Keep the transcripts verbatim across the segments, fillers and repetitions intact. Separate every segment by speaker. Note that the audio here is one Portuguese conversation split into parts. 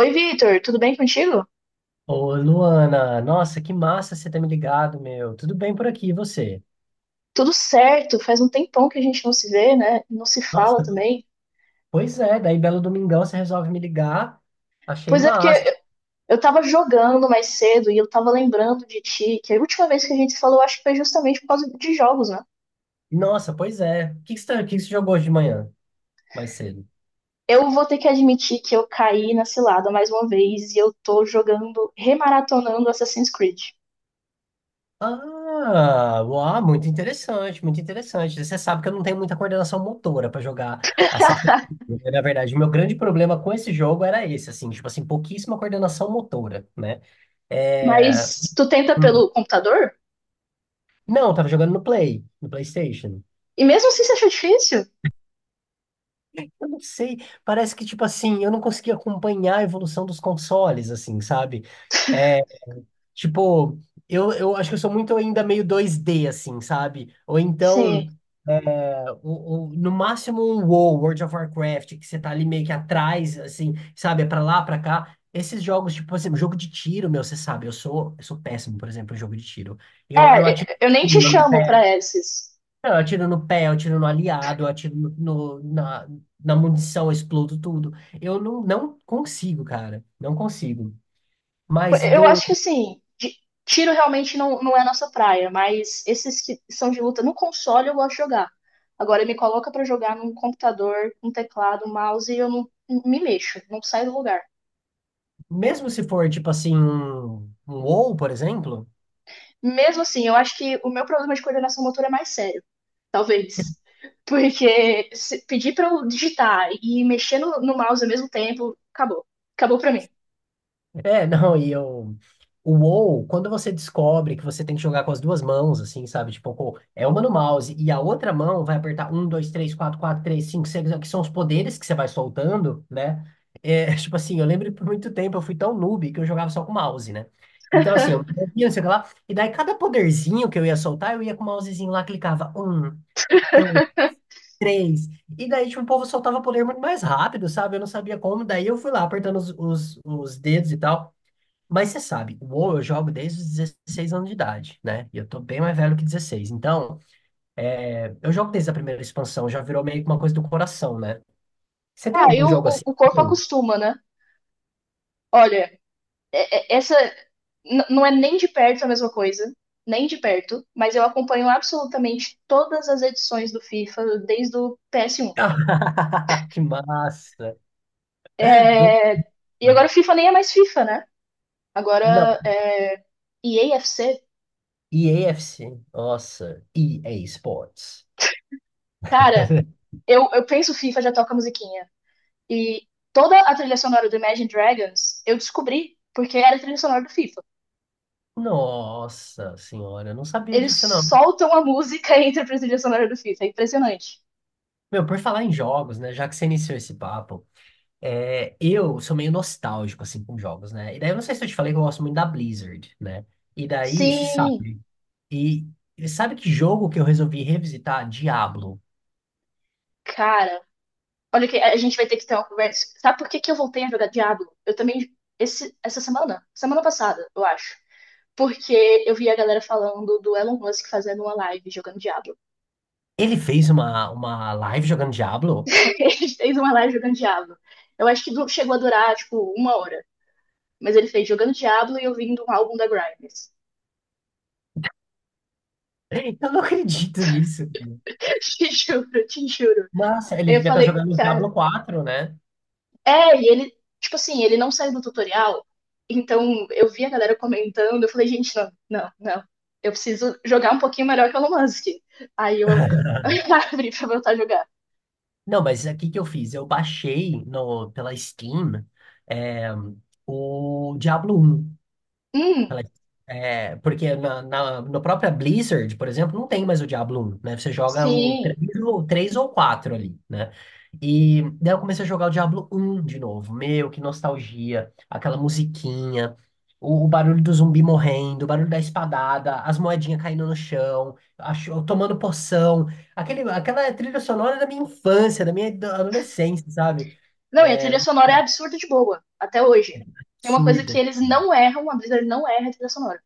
Speaker 1: Oi, Vitor, tudo bem contigo?
Speaker 2: Ô, Luana, nossa, que massa você ter me ligado, meu. Tudo bem por aqui, e você?
Speaker 1: Tudo certo, faz um tempão que a gente não se vê, né? Não se fala
Speaker 2: Nossa,
Speaker 1: também.
Speaker 2: pois é, daí belo domingão você resolve me ligar. Achei
Speaker 1: Pois é, porque
Speaker 2: massa.
Speaker 1: eu eu tava jogando mais cedo e eu tava lembrando de ti, que a última vez que a gente se falou, acho que foi justamente por causa de jogos, né?
Speaker 2: Nossa, pois é. O que que você, tá- o que que você jogou hoje de manhã, mais cedo?
Speaker 1: Eu vou ter que admitir que eu caí na cilada mais uma vez e eu tô jogando, remaratonando Assassin's Creed.
Speaker 2: Ah, uau, muito interessante, muito interessante. Você sabe que eu não tenho muita coordenação motora para jogar Assassin's Creed, né? Na verdade, o meu grande problema com esse jogo era esse, assim, tipo assim, pouquíssima coordenação motora, né? É...
Speaker 1: Mas tu tenta
Speaker 2: hum.
Speaker 1: pelo computador?
Speaker 2: Não, eu tava jogando no Play, no PlayStation.
Speaker 1: E mesmo assim você acha difícil?
Speaker 2: Eu não sei, parece que, tipo assim, eu não consegui acompanhar a evolução dos consoles, assim, sabe? É, tipo, eu, eu acho que eu sou muito ainda meio dois dê, assim, sabe? Ou então,
Speaker 1: Sim.
Speaker 2: é, o, o- no máximo um WoW, World of Warcraft, que você tá ali meio que atrás, assim, sabe? É pra lá, pra cá. Esses jogos, tipo, por exemplo, jogo de tiro, meu, você sabe, eu sou, eu sou péssimo, por exemplo, em jogo de tiro. Eu, eu atiro
Speaker 1: É, eu nem
Speaker 2: em
Speaker 1: te
Speaker 2: cima,
Speaker 1: chamo pra esses.
Speaker 2: não, eu atiro no pé, eu atiro no aliado, eu atiro no, no- na, na munição, eu explodo tudo. Eu não, não consigo, cara. Não consigo. Mas
Speaker 1: Eu
Speaker 2: do,
Speaker 1: acho que assim, de- tiro realmente não, não é a nossa praia, mas esses que são de luta no console eu gosto de jogar. Agora me coloca pra jogar num computador, um teclado, um mouse e eu não me mexo, não saio do lugar.
Speaker 2: mesmo se for, tipo assim, um, um WoW, por exemplo,
Speaker 1: Mesmo assim, eu acho que o meu problema de coordenação motora é mais sério, talvez. Porque se pedir pra eu digitar e mexer no, no mouse ao mesmo tempo, acabou. Acabou pra mim.
Speaker 2: é, não, e eu. O WoW, quando você descobre que você tem que jogar com as duas mãos, assim, sabe? Tipo, pô, é uma no mouse e a outra mão vai apertar um, dois, três, quatro, quatro, três, cinco, seis, que são os poderes que você vai soltando, né? É, tipo assim, eu lembro que por muito tempo eu fui tão noob que eu jogava só com mouse, né? Então, assim, eu movia, não sei o que lá, e daí cada poderzinho que eu ia soltar, eu ia com o mousezinho lá, clicava um, dois, três, e daí, tipo, o povo soltava poder muito mais rápido, sabe? Eu não sabia como, daí eu fui lá apertando os, os os dedos e tal. Mas você sabe, o WoW eu jogo desde os dezesseis anos de idade, né? E eu tô bem mais velho que dezesseis. Então, eu jogo desde a primeira expansão, já virou meio que uma coisa do coração, né? Você tem
Speaker 1: Ah, e
Speaker 2: algum
Speaker 1: o,
Speaker 2: jogo
Speaker 1: o
Speaker 2: assim?
Speaker 1: o corpo
Speaker 2: Tem.
Speaker 1: acostuma, né? Olha, é- é- essa n- não é nem de perto a mesma coisa, nem de perto, mas eu acompanho absolutamente todas as edições do FIFA desde o P S um.
Speaker 2: Que massa! Do...
Speaker 1: É, e agora o FIFA nem é mais FIFA, né?
Speaker 2: Não,
Speaker 1: Agora é EA FC.
Speaker 2: E A F C. Nossa, E A Sports.
Speaker 1: Cara, eu, eu penso FIFA, já toca a musiquinha. E toda a trilha sonora do Imagine Dragons eu descobri porque era a trilha sonora do FIFA.
Speaker 2: Nossa senhora, eu não sabia
Speaker 1: Eles
Speaker 2: disso, não.
Speaker 1: soltam a música entre a trilha sonora do FIFA, é impressionante.
Speaker 2: Meu, por falar em jogos, né? Já que você iniciou esse papo, É, eu sou meio nostálgico, assim, com jogos, né? E daí eu não sei se eu te falei que eu gosto muito da Blizzard, né? E daí, você
Speaker 1: Sim,
Speaker 2: sabe. E, e sabe que jogo que eu resolvi revisitar? Diablo.
Speaker 1: cara, olha, que a gente vai ter que ter uma conversa. Sabe por que que eu voltei a jogar Diablo? Eu também, esse, essa semana, semana passada, eu acho. Porque eu vi a galera falando do Elon Musk fazendo uma live jogando Diablo.
Speaker 2: Ele fez uma, uma live jogando Diablo?
Speaker 1: Ele fez uma live jogando Diablo. Eu acho que du- chegou a durar, tipo, uma hora. Mas ele fez jogando Diablo e ouvindo um álbum da Grimes.
Speaker 2: Eu não acredito nisso.
Speaker 1: Te juro, te juro.
Speaker 2: Nossa, ele
Speaker 1: Aí eu
Speaker 2: devia estar
Speaker 1: falei,
Speaker 2: jogando
Speaker 1: cara,
Speaker 2: Diablo quatro, né?
Speaker 1: é, e ele, tipo assim, ele não sai do tutorial. Então eu vi a galera comentando, eu falei, gente, não, não, não. Eu preciso jogar um pouquinho melhor que o Elon Musk. Aí eu abri pra voltar a jogar.
Speaker 2: Não, mas o que que eu fiz? Eu baixei no, pela Steam é, o Diablo um.
Speaker 1: Hum,
Speaker 2: Ela- É, porque na, na, no própria Blizzard, por exemplo, não tem mais o Diablo um, né? Você joga o três,
Speaker 1: sim.
Speaker 2: ou três ou quatro ali, né? E daí eu comecei a jogar o Diablo um de novo. Meu, que nostalgia. Aquela musiquinha, o, o barulho do zumbi morrendo, o barulho da espadada, as moedinhas caindo no chão, a cho- tomando poção. Aquele, aquela trilha sonora da minha infância, da minha ado- adolescência, sabe?
Speaker 1: Não, e a
Speaker 2: É,
Speaker 1: trilha sonora é absurda de boa, até hoje. Tem uma coisa que
Speaker 2: absurda.
Speaker 1: eles não erram, a Blizzard não erra a trilha sonora.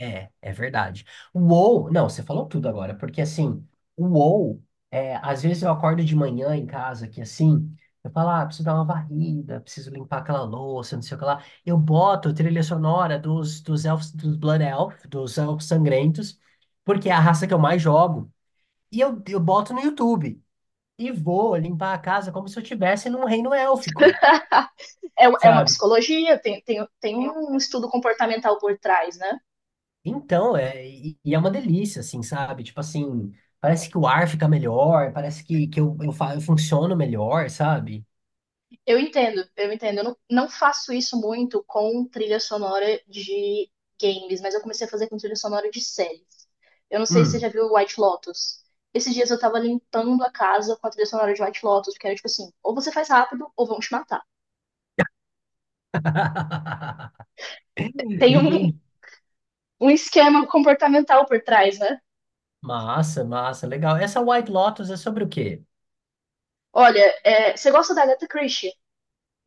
Speaker 2: É, é verdade. O WoW, não, você falou tudo agora, porque assim, o WoW, é, às vezes eu acordo de manhã em casa, que assim, eu falo, ah, preciso dar uma varrida, preciso limpar aquela louça, não sei o que lá. Eu boto a trilha sonora dos, dos elfos, dos Blood Elf, dos elfos sangrentos, porque é a raça que eu mais jogo, e eu, eu boto no YouTube, e vou limpar a casa como se eu estivesse num reino élfico,
Speaker 1: É, é uma
Speaker 2: sabe?
Speaker 1: psicologia, tem, tem, tem um estudo comportamental por trás, né?
Speaker 2: Então, é, e e é uma delícia, assim, sabe? Tipo assim, parece que o ar fica melhor, parece que, que eu, eu, fa- eu funciono melhor, sabe?
Speaker 1: Eu entendo, eu entendo. Eu não, não faço isso muito com trilha sonora de games, mas eu comecei a fazer com trilha sonora de séries. Eu não sei se você
Speaker 2: Hum.
Speaker 1: já viu White Lotus. Esses dias eu tava limpando a casa com a trilha sonora de White Lotus, porque era tipo assim, ou você faz rápido ou vão te matar. Tem um,
Speaker 2: Entendi.
Speaker 1: um esquema comportamental por trás, né?
Speaker 2: Massa, massa, legal. Essa White Lotus é sobre o quê?
Speaker 1: Olha, é, você gosta da Agatha Christie?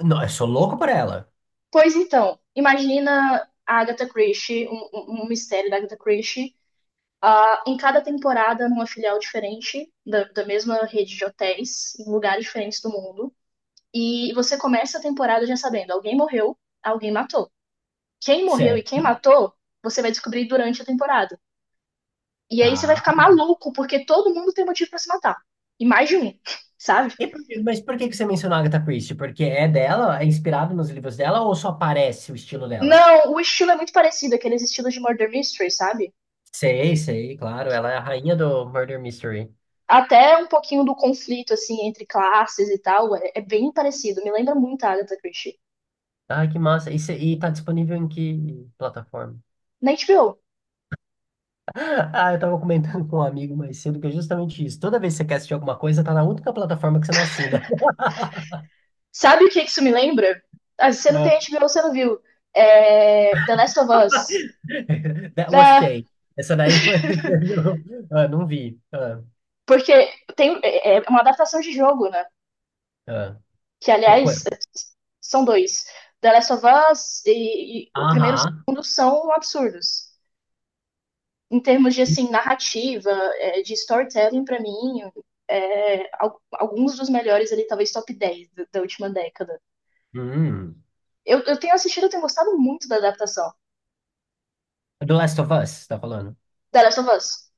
Speaker 2: Não, eu sou louco por ela.
Speaker 1: Pois então, imagina a Agatha Christie, um, um um mistério da Agatha Christie, ah, em cada temporada, numa filial diferente da, da mesma rede de hotéis, em lugares diferentes do mundo. E você começa a temporada já sabendo: alguém morreu, alguém matou. Quem morreu e quem
Speaker 2: Certo.
Speaker 1: matou, você vai descobrir durante a temporada. E aí você vai
Speaker 2: Tá.
Speaker 1: ficar maluco, porque todo mundo tem motivo pra se matar. E mais de um, sabe?
Speaker 2: E por que- mas por que que você mencionou a Agatha Christie? Porque é dela, é inspirado nos livros dela ou só aparece o estilo dela?
Speaker 1: Não, o estilo é muito parecido, aqueles estilos de Murder Mystery, sabe?
Speaker 2: Sei, sei, claro. Ela é a rainha do Murder Mystery.
Speaker 1: Até um pouquinho do conflito, assim, entre classes e tal, é, é bem parecido. Me lembra muito a Agatha Christie.
Speaker 2: Ah, que massa. E, cê- e tá disponível em que plataforma?
Speaker 1: Na H B O.
Speaker 2: Ah, eu tava comentando com um amigo mais cedo que é justamente isso. Toda vez que você quer assistir alguma coisa, tá na única plataforma que você não assina.
Speaker 1: Sabe o que que isso me lembra? Ah, se você não
Speaker 2: Ah,
Speaker 1: tem H B O, você não viu. É... The Last of Us.
Speaker 2: That was
Speaker 1: É,
Speaker 2: Shay. Essa daí foi. Ah, não vi. Ah,
Speaker 1: porque tem, é é uma adaptação de jogo, né?
Speaker 2: ah.
Speaker 1: Que,
Speaker 2: O quê?
Speaker 1: aliás, são dois. The Last of Us e, e o primeiro e o
Speaker 2: Aham.
Speaker 1: segundo são absurdos. Em termos de, assim, narrativa, é, de storytelling, pra mim, é, al- alguns dos melhores ali, talvez top dez da, da última década.
Speaker 2: Hum.
Speaker 1: Eu, eu tenho assistido, eu tenho gostado muito da adaptação.
Speaker 2: Do Last of Us, você tá falando?
Speaker 1: The Last of Us.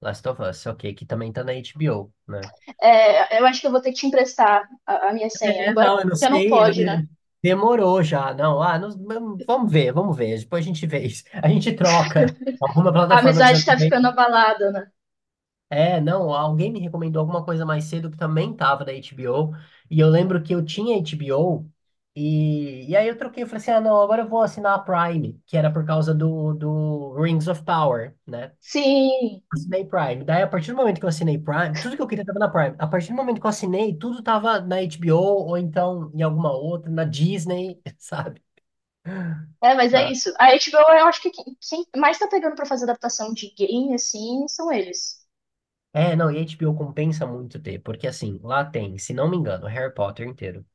Speaker 2: Last of Us, ok, que também tá na H B O, né?
Speaker 1: É, eu acho que eu vou ter que te emprestar a, a minha senha,
Speaker 2: É,
Speaker 1: embora
Speaker 2: não, eu não
Speaker 1: já não
Speaker 2: sei. eu-
Speaker 1: pode, né?
Speaker 2: eh, Demorou já, não. Ah, não- vamos ver, vamos ver. Depois a gente vê isso. A gente troca. Alguma
Speaker 1: A
Speaker 2: plataforma que você
Speaker 1: amizade
Speaker 2: não
Speaker 1: tá
Speaker 2: tem.
Speaker 1: ficando abalada, né?
Speaker 2: É, não, alguém me recomendou alguma coisa mais cedo que também tava da H B O, e eu lembro que eu tinha H B O, e, e aí eu troquei, eu falei assim, ah, não, agora eu vou assinar a Prime, que era por causa do, do Rings of Power, né?
Speaker 1: Sim,
Speaker 2: Assinei Prime. Daí, a partir do momento que eu assinei Prime, tudo que eu queria tava na Prime. A partir do momento que eu assinei, tudo tava na H B O, ou então em alguma outra, na Disney, sabe?
Speaker 1: é, mas é
Speaker 2: Ah,
Speaker 1: isso. A H B O, eu acho que quem, quem mais tá pegando pra fazer adaptação de game, assim, são eles.
Speaker 2: é, não, e H B O compensa muito ter, porque assim, lá tem, se não me engano, Harry Potter inteiro.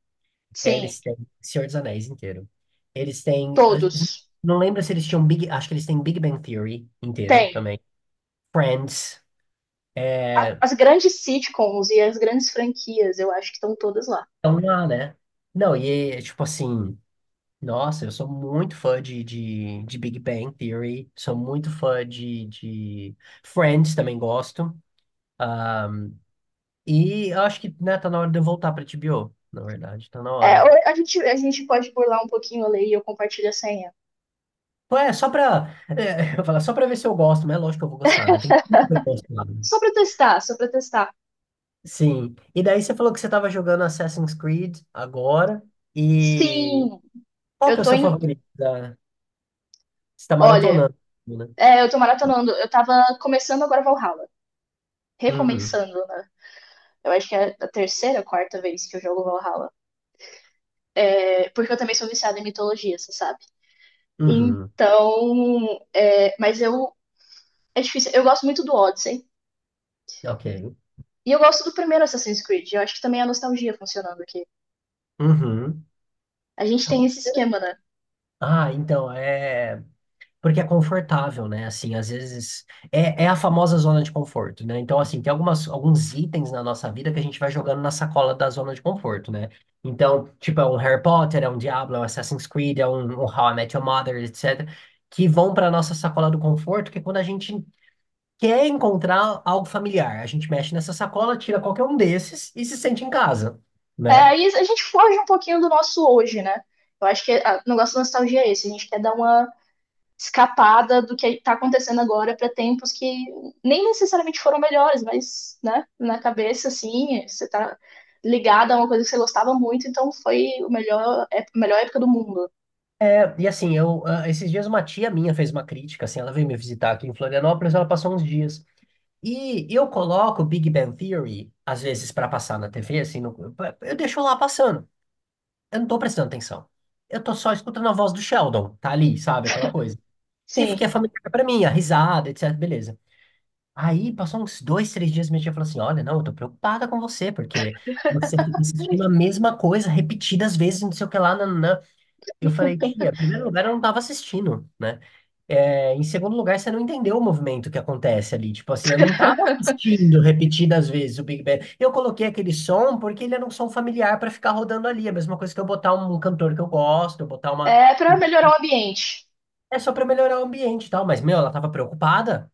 Speaker 2: É,
Speaker 1: Sim,
Speaker 2: eles têm Senhor dos Anéis inteiro. Eles têm. eh,
Speaker 1: todos.
Speaker 2: Não lembro se eles tinham Big. Acho que eles têm Big Bang Theory inteiro
Speaker 1: Tem.
Speaker 2: também. Friends.
Speaker 1: A-
Speaker 2: É,
Speaker 1: As grandes sitcoms e as grandes franquias, eu acho que estão todas lá.
Speaker 2: estão lá, né? Não, e é, tipo assim. Nossa, eu sou muito fã de, de, de Big Bang Theory. Sou muito fã de, de Friends, também gosto. Ah, e eu acho que, né, tá na hora de eu voltar pra H B O. Na verdade, tá na
Speaker 1: É, ou
Speaker 2: hora.
Speaker 1: a gente, a gente pode burlar um pouquinho a lei e eu compartilho a senha.
Speaker 2: Pô, é, só pra. É, eu ia falar, só pra ver se eu gosto, mas é lógico que eu vou gostar, né? Tem tudo pra eu gostar. Né?
Speaker 1: Só pra testar, só pra testar.
Speaker 2: Sim. E daí você falou que você estava jogando Assassin's Creed agora. E
Speaker 1: Sim,
Speaker 2: qual que
Speaker 1: eu
Speaker 2: é o
Speaker 1: tô
Speaker 2: seu
Speaker 1: em.
Speaker 2: favorito? da- Você está
Speaker 1: Olha,
Speaker 2: maratonando, né?
Speaker 1: é, eu tô maratonando. Eu tava começando agora Valhalla.
Speaker 2: Uhum.
Speaker 1: Recomeçando, né? Eu acho que é a terceira, quarta vez que eu jogo Valhalla. É, porque eu também sou viciada em mitologia, você sabe?
Speaker 2: Uhum.
Speaker 1: Então. É, mas eu. É difícil. Eu gosto muito do Odyssey.
Speaker 2: Ok.
Speaker 1: E eu gosto do primeiro Assassin's Creed. Eu acho que também é a nostalgia funcionando aqui.
Speaker 2: Uhum.
Speaker 1: A gente tem esse esquema, né?
Speaker 2: Ah, então, é. Porque é confortável, né? Assim, às vezes é, é a famosa zona de conforto, né? Então, assim, tem algumas, alguns itens na nossa vida que a gente vai jogando na sacola da zona de conforto, né? Então, tipo, é um Harry Potter, é um Diablo, é um Assassin's Creed, é um, um How I Met Your Mother, et cetera, que vão para nossa sacola do conforto, que é quando a gente quer encontrar algo familiar, a gente mexe nessa sacola, tira qualquer um desses e se sente em casa,
Speaker 1: É,
Speaker 2: né?
Speaker 1: aí a gente foge um pouquinho do nosso hoje, né? Eu acho que ah, o negócio da nostalgia é esse. A gente quer dar uma escapada do que está acontecendo agora para tempos que nem necessariamente foram melhores, mas, né, na cabeça, assim, você está ligado a uma coisa que você gostava muito, então foi o melhor, é, a melhor época do mundo.
Speaker 2: É, e assim, eu, ah, esses dias uma tia minha fez uma crítica, assim, ela veio me visitar aqui em Florianópolis, ela passou uns dias. E eu coloco Big Bang Theory, às vezes, para passar na T V, assim, no- eu deixo lá passando. Eu não tô prestando atenção. Eu tô só escutando a voz do Sheldon, tá ali, sabe, aquela coisa. Que, que é
Speaker 1: Sim.
Speaker 2: familiar pra mim, a risada, etc, beleza. Aí, passou uns dois, três dias, minha tia falou assim, olha, não, eu tô preocupada com você, porque você fica assistindo a mesma coisa repetidas vezes, não sei o que lá, nananã. Eu falei, tia, em primeiro lugar, eu não tava assistindo, né? É, em segundo lugar, você não entendeu o movimento que acontece ali. Tipo assim, eu não estava assistindo repetidas vezes o Big Bang. Eu coloquei aquele som porque ele era um som familiar para ficar rodando ali. É a mesma coisa que eu botar um cantor que eu gosto, eu botar uma.
Speaker 1: É para melhorar o ambiente.
Speaker 2: É só para melhorar o ambiente e tal. Mas, meu, ela tava preocupada.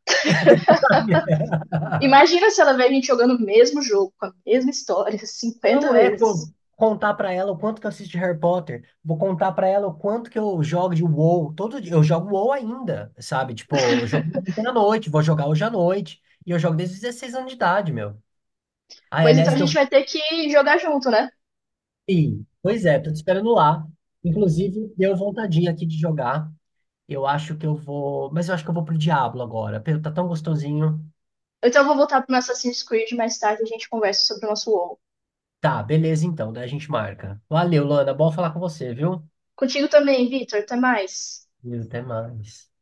Speaker 1: Imagina se ela vê a gente jogando o mesmo jogo, com a mesma história, cinquenta
Speaker 2: Não é co-
Speaker 1: vezes.
Speaker 2: contar pra ela o quanto que eu assisto de Harry Potter, vou contar pra ela o quanto que eu jogo de WoW. Todo dia eu jogo WoW ainda, sabe? Tipo, eu jogo ontem à noite, vou jogar hoje à noite. E eu jogo desde os dezesseis anos de idade, meu. Ai,
Speaker 1: Pois então a
Speaker 2: aliás, teu
Speaker 1: gente vai ter que jogar junto, né?
Speaker 2: filho. Pois é, tô te esperando lá. Inclusive, deu vontadinha aqui de jogar. Eu acho que eu vou. Mas eu acho que eu vou pro Diablo agora. Pelo, tá tão gostosinho.
Speaker 1: Então eu vou voltar pro meu Assassin's Creed mais tarde, e a gente conversa sobre o nosso WoW.
Speaker 2: Tá, beleza então, daí a gente marca. Valeu, Lana. Bom falar com você, viu?
Speaker 1: Contigo também, Vitor, até mais.
Speaker 2: E até mais.